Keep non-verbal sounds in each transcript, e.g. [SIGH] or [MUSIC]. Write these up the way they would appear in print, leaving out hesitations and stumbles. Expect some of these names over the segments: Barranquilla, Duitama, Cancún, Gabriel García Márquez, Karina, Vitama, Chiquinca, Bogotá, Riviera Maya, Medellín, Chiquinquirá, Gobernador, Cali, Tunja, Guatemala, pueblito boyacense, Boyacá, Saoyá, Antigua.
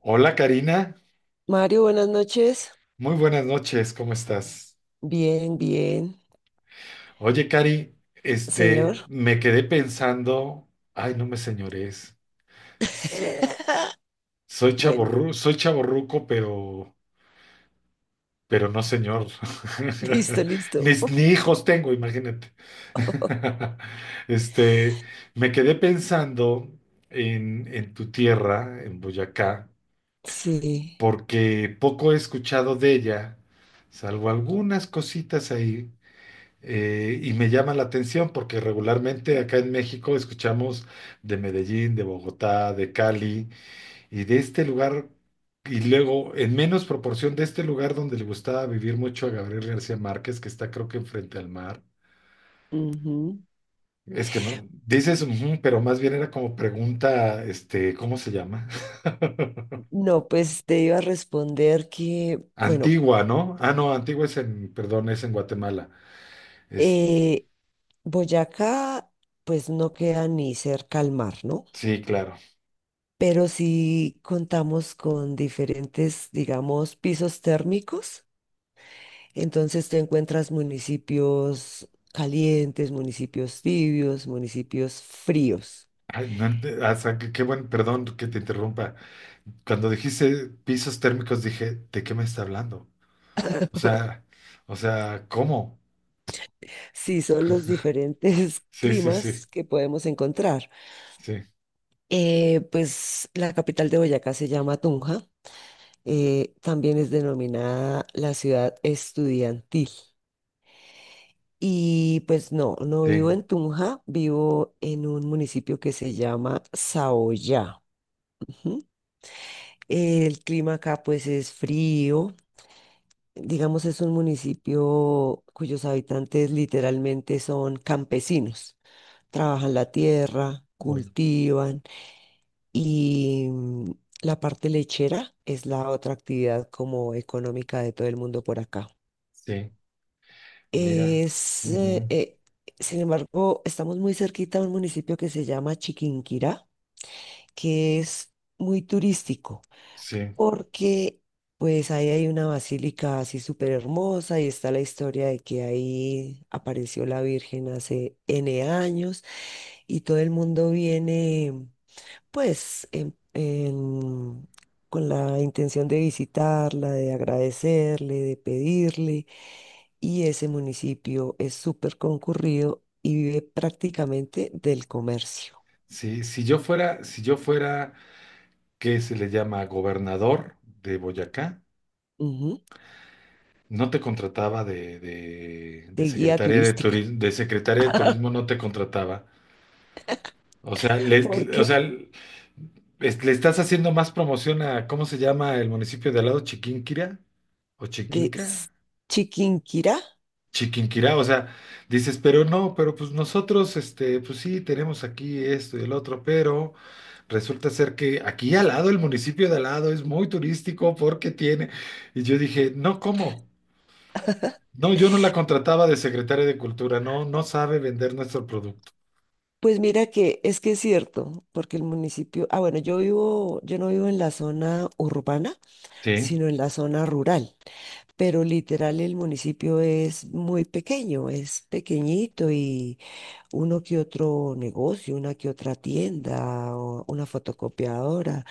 Hola Karina, Mario, buenas noches. muy buenas noches, ¿cómo estás? Bien, bien, Oye Cari, señor. me quedé pensando. Ay, no me señores, [LAUGHS] soy Bueno, chaborru, soy chaborruco pero no señor. listo, [LAUGHS] listo. Ni [LAUGHS] hijos tengo, imagínate. [LAUGHS] Este, me quedé pensando en tu tierra, en Boyacá, Sí. porque poco he escuchado de ella, salvo algunas cositas ahí. Y me llama la atención porque regularmente acá en México escuchamos de Medellín, de Bogotá, de Cali y de este lugar, y luego en menos proporción de este lugar donde le gustaba vivir mucho a Gabriel García Márquez, que está creo que enfrente al mar. Ujú. Es que no, dices, "Ujú", pero más bien era como pregunta, este, ¿cómo se llama? [LAUGHS] No, pues te iba a responder que, bueno, Antigua, ¿no? Ah, no, Antigua es en, perdón, es en Guatemala. Es, eh, Boyacá, pues no queda ni cerca al mar, ¿no? sí, claro. Pero sí contamos con diferentes, digamos, pisos térmicos. Entonces te encuentras municipios calientes, municipios tibios, municipios fríos. Ay, no ent- O sea, qué buen, perdón que te interrumpa. Cuando dijiste pisos térmicos, dije, ¿de qué me está hablando? O sea, o sea, ¿cómo? Sí, son los diferentes [LAUGHS] Sí, sí, sí, climas que podemos encontrar. sí, Pues la capital de Boyacá se llama Tunja, también es denominada la ciudad estudiantil. Y pues no, no vivo sí, en Tunja, vivo en un municipio que se llama Saoyá. Ujú. El clima acá pues es frío, digamos es un municipio cuyos habitantes literalmente son campesinos, trabajan la tierra, um, cultivan. Y la parte lechera es la otra actividad como económica de todo el mundo por acá. sí, mira, Es, eh, ujú, eh, Sin embargo, estamos muy cerquita a un municipio que se llama Chiquinquirá, que es muy turístico, sí, porque pues ahí hay una basílica así súper hermosa y está la historia de que ahí apareció la Virgen hace N años y todo el mundo viene. Pues con la intención de visitarla, de agradecerle, de pedirle. Y ese municipio es súper concurrido y vive prácticamente del comercio, sí, si yo fuera, ¿qué se le llama? Gobernador de Boyacá, ujú, no te contrataba de de guía secretaria de turística. turismo, de secretaria de [LAUGHS] turismo no te contrataba. O sea, ¿Por o sea, qué? Le estás haciendo más promoción a, ¿cómo se llama el municipio de al lado? ¿Chiquinquirá? ¿O De S- Chiquinca? Chiquinquirá. Chiquinquirá, o sea, dices, pero no, pero pues nosotros, este, pues sí, tenemos aquí esto y el otro, pero resulta ser que aquí al lado, el municipio de al lado es muy turístico porque tiene, y yo dije, no, ¿cómo? [LAUGHS] No, yo no la contrataba de secretaria de cultura, no, no sabe vender nuestro producto. Pues mira que es cierto, porque el municipio, ah bueno, yo no vivo en la zona urbana Sí. sino en la zona rural. Pero literal el municipio es muy pequeño, es pequeñito y uno que otro negocio, una que otra tienda o una fotocopiadora.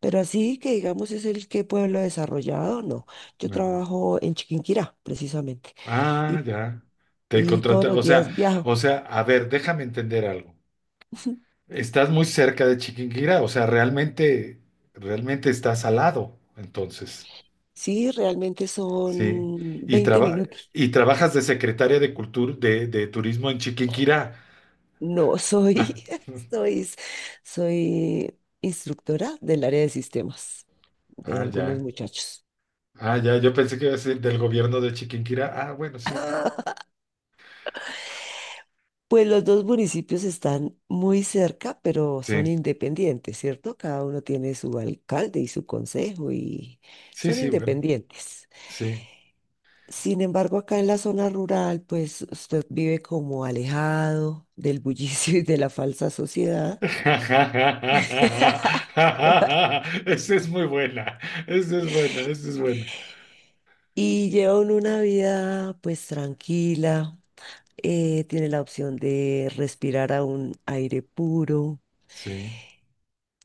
Pero así que digamos es el que pueblo desarrollado, no. Yo trabajo en Chiquinquirá, precisamente, Ah, y, ya. Te y todos contrata, los días viajo. o sea, a ver, déjame entender algo. [LAUGHS] Estás muy cerca de Chiquinquirá, realmente estás al lado, entonces, Sí, realmente sí. son Y 20 traba- minutos. y trabajas de secretaria de cultura, de turismo en Chiquinquirá. No, Ah, soy, [LAUGHS] soy, soy instructora del área de sistemas de ah, algunos ya. muchachos. Ah, ya. Yo pensé que iba a ser del gobierno de Chiquinquirá. Ah, bueno, sí. Pues los dos municipios están muy cerca, pero son Sí, independientes, ¿cierto? Cada uno tiene su alcalde y su consejo y sí, son sí, bueno, independientes. sí. Sin embargo, acá en la zona rural, pues usted vive como alejado del bullicio [LAUGHS] y de la falsa [LAUGHS] sociedad. Esa [LAUGHS] es muy buena. Esa es buena, esa es buena. Y llevan una vida pues tranquila, tiene la opción de respirar a un aire puro Sí,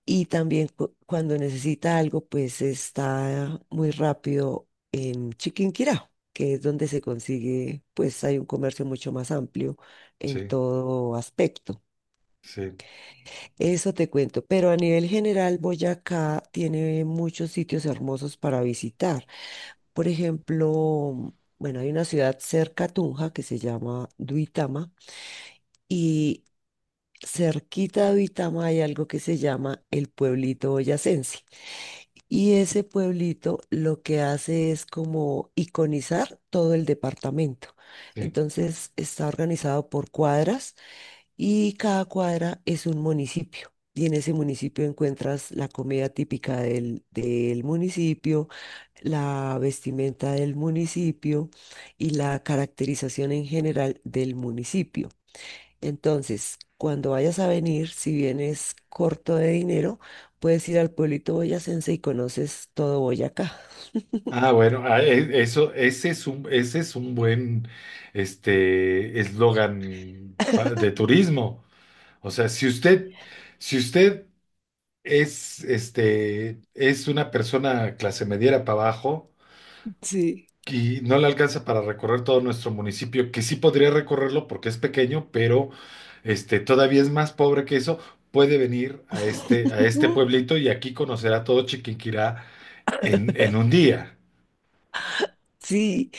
y también cuando necesita algo, pues está muy rápido en Chiquinquirá, que es donde se consigue, pues hay un comercio mucho más amplio en sí, todo aspecto. sí, Eso te cuento, pero a nivel general, Boyacá tiene muchos sitios hermosos para visitar. Por ejemplo, bueno, hay una ciudad cerca a Tunja que se llama Duitama. Y cerquita de Vitama hay algo que se llama el pueblito boyacense. Y ese pueblito lo que hace es como iconizar todo el departamento. sí. Entonces está organizado por cuadras y cada cuadra es un municipio. Y en ese municipio encuentras la comida típica del municipio, la vestimenta del municipio y la caracterización en general del municipio. Entonces, cuando vayas a venir, si vienes corto de dinero, puedes ir al pueblito boyacense y conoces todo Boyacá. Ah, bueno, eso, ese es un buen, este, eslogan de turismo. O sea, si usted este, es una persona clase mediera para abajo Sí. y no le alcanza para recorrer todo nuestro municipio, que sí podría recorrerlo porque es pequeño, pero, este, todavía es más pobre que eso, puede venir a a este [LAUGHS] pueblito y aquí conocerá todo Chiquinquirá en un día. Sí,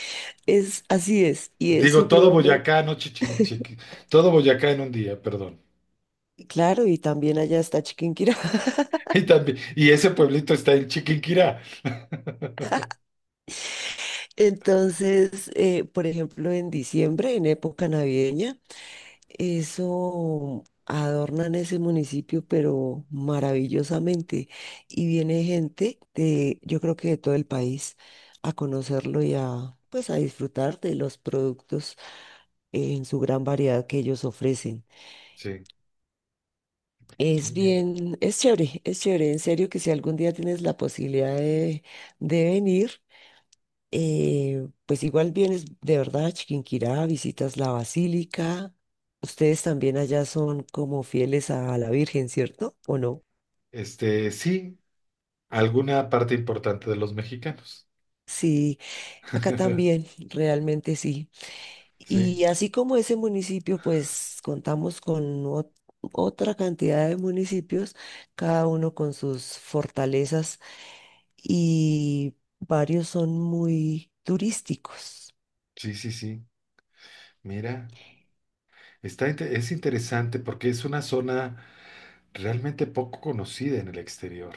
es así es, y es Digo, todo supremamente Boyacá, no Chichi- Chiqui- todo Boyacá en un día, perdón. claro, y también allá está Chiquinquirá. [LAUGHS] [LAUGHS] Y también, y ese pueblito está en Chiquinquirá. Entonces, por ejemplo, en diciembre, en época navideña, eso adornan ese municipio, pero maravillosamente. Y viene gente de, yo creo que de todo el país, a conocerlo y a, pues, a disfrutar de los productos en su gran variedad que ellos ofrecen. Sí, Es mira, bien, es chévere, es chévere. En serio que si algún día tienes la posibilidad de, venir, pues igual vienes de verdad a Chiquinquirá, visitas la basílica. Ustedes también allá son como fieles a la Virgen, ¿cierto? ¿O no? este, sí, alguna parte importante de los mexicanos. Sí, acá [LAUGHS] también, realmente sí. Sí, Y así como ese municipio, pues contamos con otra cantidad de municipios, cada uno con sus fortalezas y varios son muy turísticos. sí, sí, sí. Mira, es interesante porque es una zona realmente poco conocida en el exterior,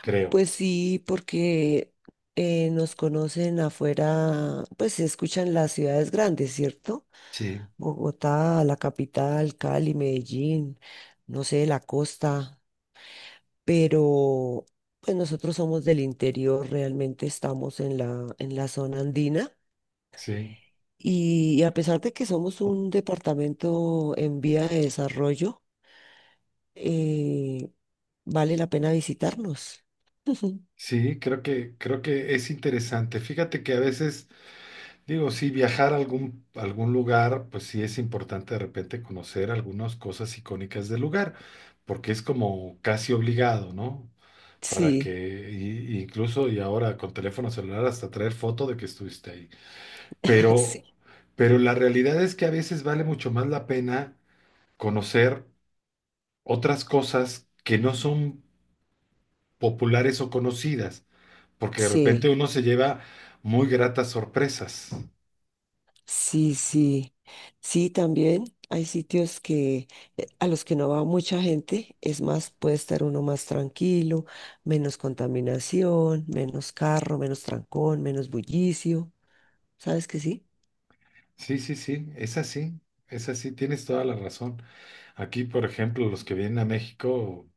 creo. Pues sí, porque nos conocen afuera, pues se escuchan las ciudades grandes, ¿cierto? Sí, Bogotá, la capital, Cali, Medellín, no sé, la costa, pero pues nosotros somos del interior, realmente estamos en la zona andina sí, y, a pesar de que somos un departamento en vía de desarrollo, eh, vale la pena visitarnos. [LAUGHS] sí, creo que es interesante. Fíjate que a veces digo, sí, viajar a a algún lugar, pues sí es importante de repente conocer algunas cosas icónicas del lugar, porque es como casi obligado, ¿no? Para Sí, que, y incluso y ahora con teléfono celular hasta traer foto de que estuviste ahí. Pero, [LAUGHS] sí, pero la realidad es que a veces vale mucho más la pena conocer otras cosas que no son populares o conocidas, porque de repente sí. uno se lleva muy gratas sorpresas. Sí, sí, sí, también hay sitios que a los que no va mucha gente, es más, puede estar uno más tranquilo, menos contaminación, menos carro, menos trancón, menos bullicio, ¿sabes que sí? Sí, sí, sí, es así, tienes toda la razón. Aquí, por ejemplo, los que vienen a México,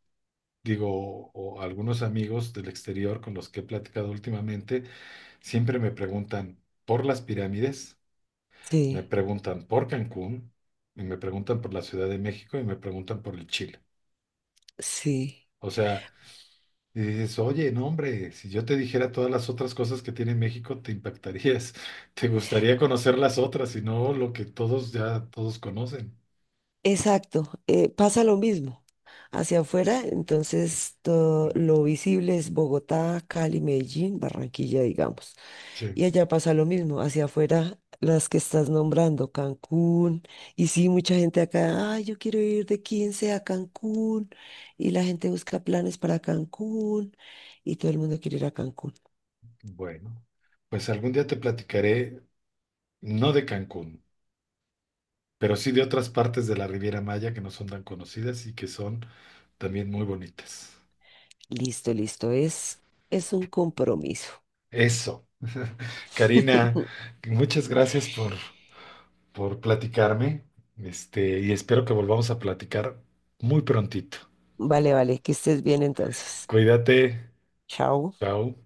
digo, o algunos amigos del exterior con los que he platicado últimamente, siempre me preguntan por las pirámides, me Sí, preguntan por Cancún, y me preguntan por la Ciudad de México y me preguntan por el Chile. sí, O sea, y dices, oye, no, hombre, si yo te dijera todas las otras cosas que tiene México, te impactarías, [LAUGHS] te gustaría conocer las otras y no lo que todos ya, todos conocen. exacto, pasa lo mismo hacia afuera, entonces todo lo visible es Bogotá, Cali, Medellín, Barranquilla, digamos. Sí. Y allá pasa lo mismo, hacia afuera, las que estás nombrando, Cancún. Y sí, mucha gente acá, ay, yo quiero ir de 15 a Cancún. Y la gente busca planes para Cancún y todo el mundo quiere ir a Cancún. Bueno, pues algún día te platicaré, no de Cancún, pero sí de otras partes de la Riviera Maya que no son tan conocidas y que son también muy bonitas. Listo, listo, es un compromiso. Eso. Karina, [LAUGHS] muchas gracias por platicarme, este, y espero que volvamos a platicar muy prontito. Vale, vale, que estés bien entonces. Cuídate. Chao. Chao.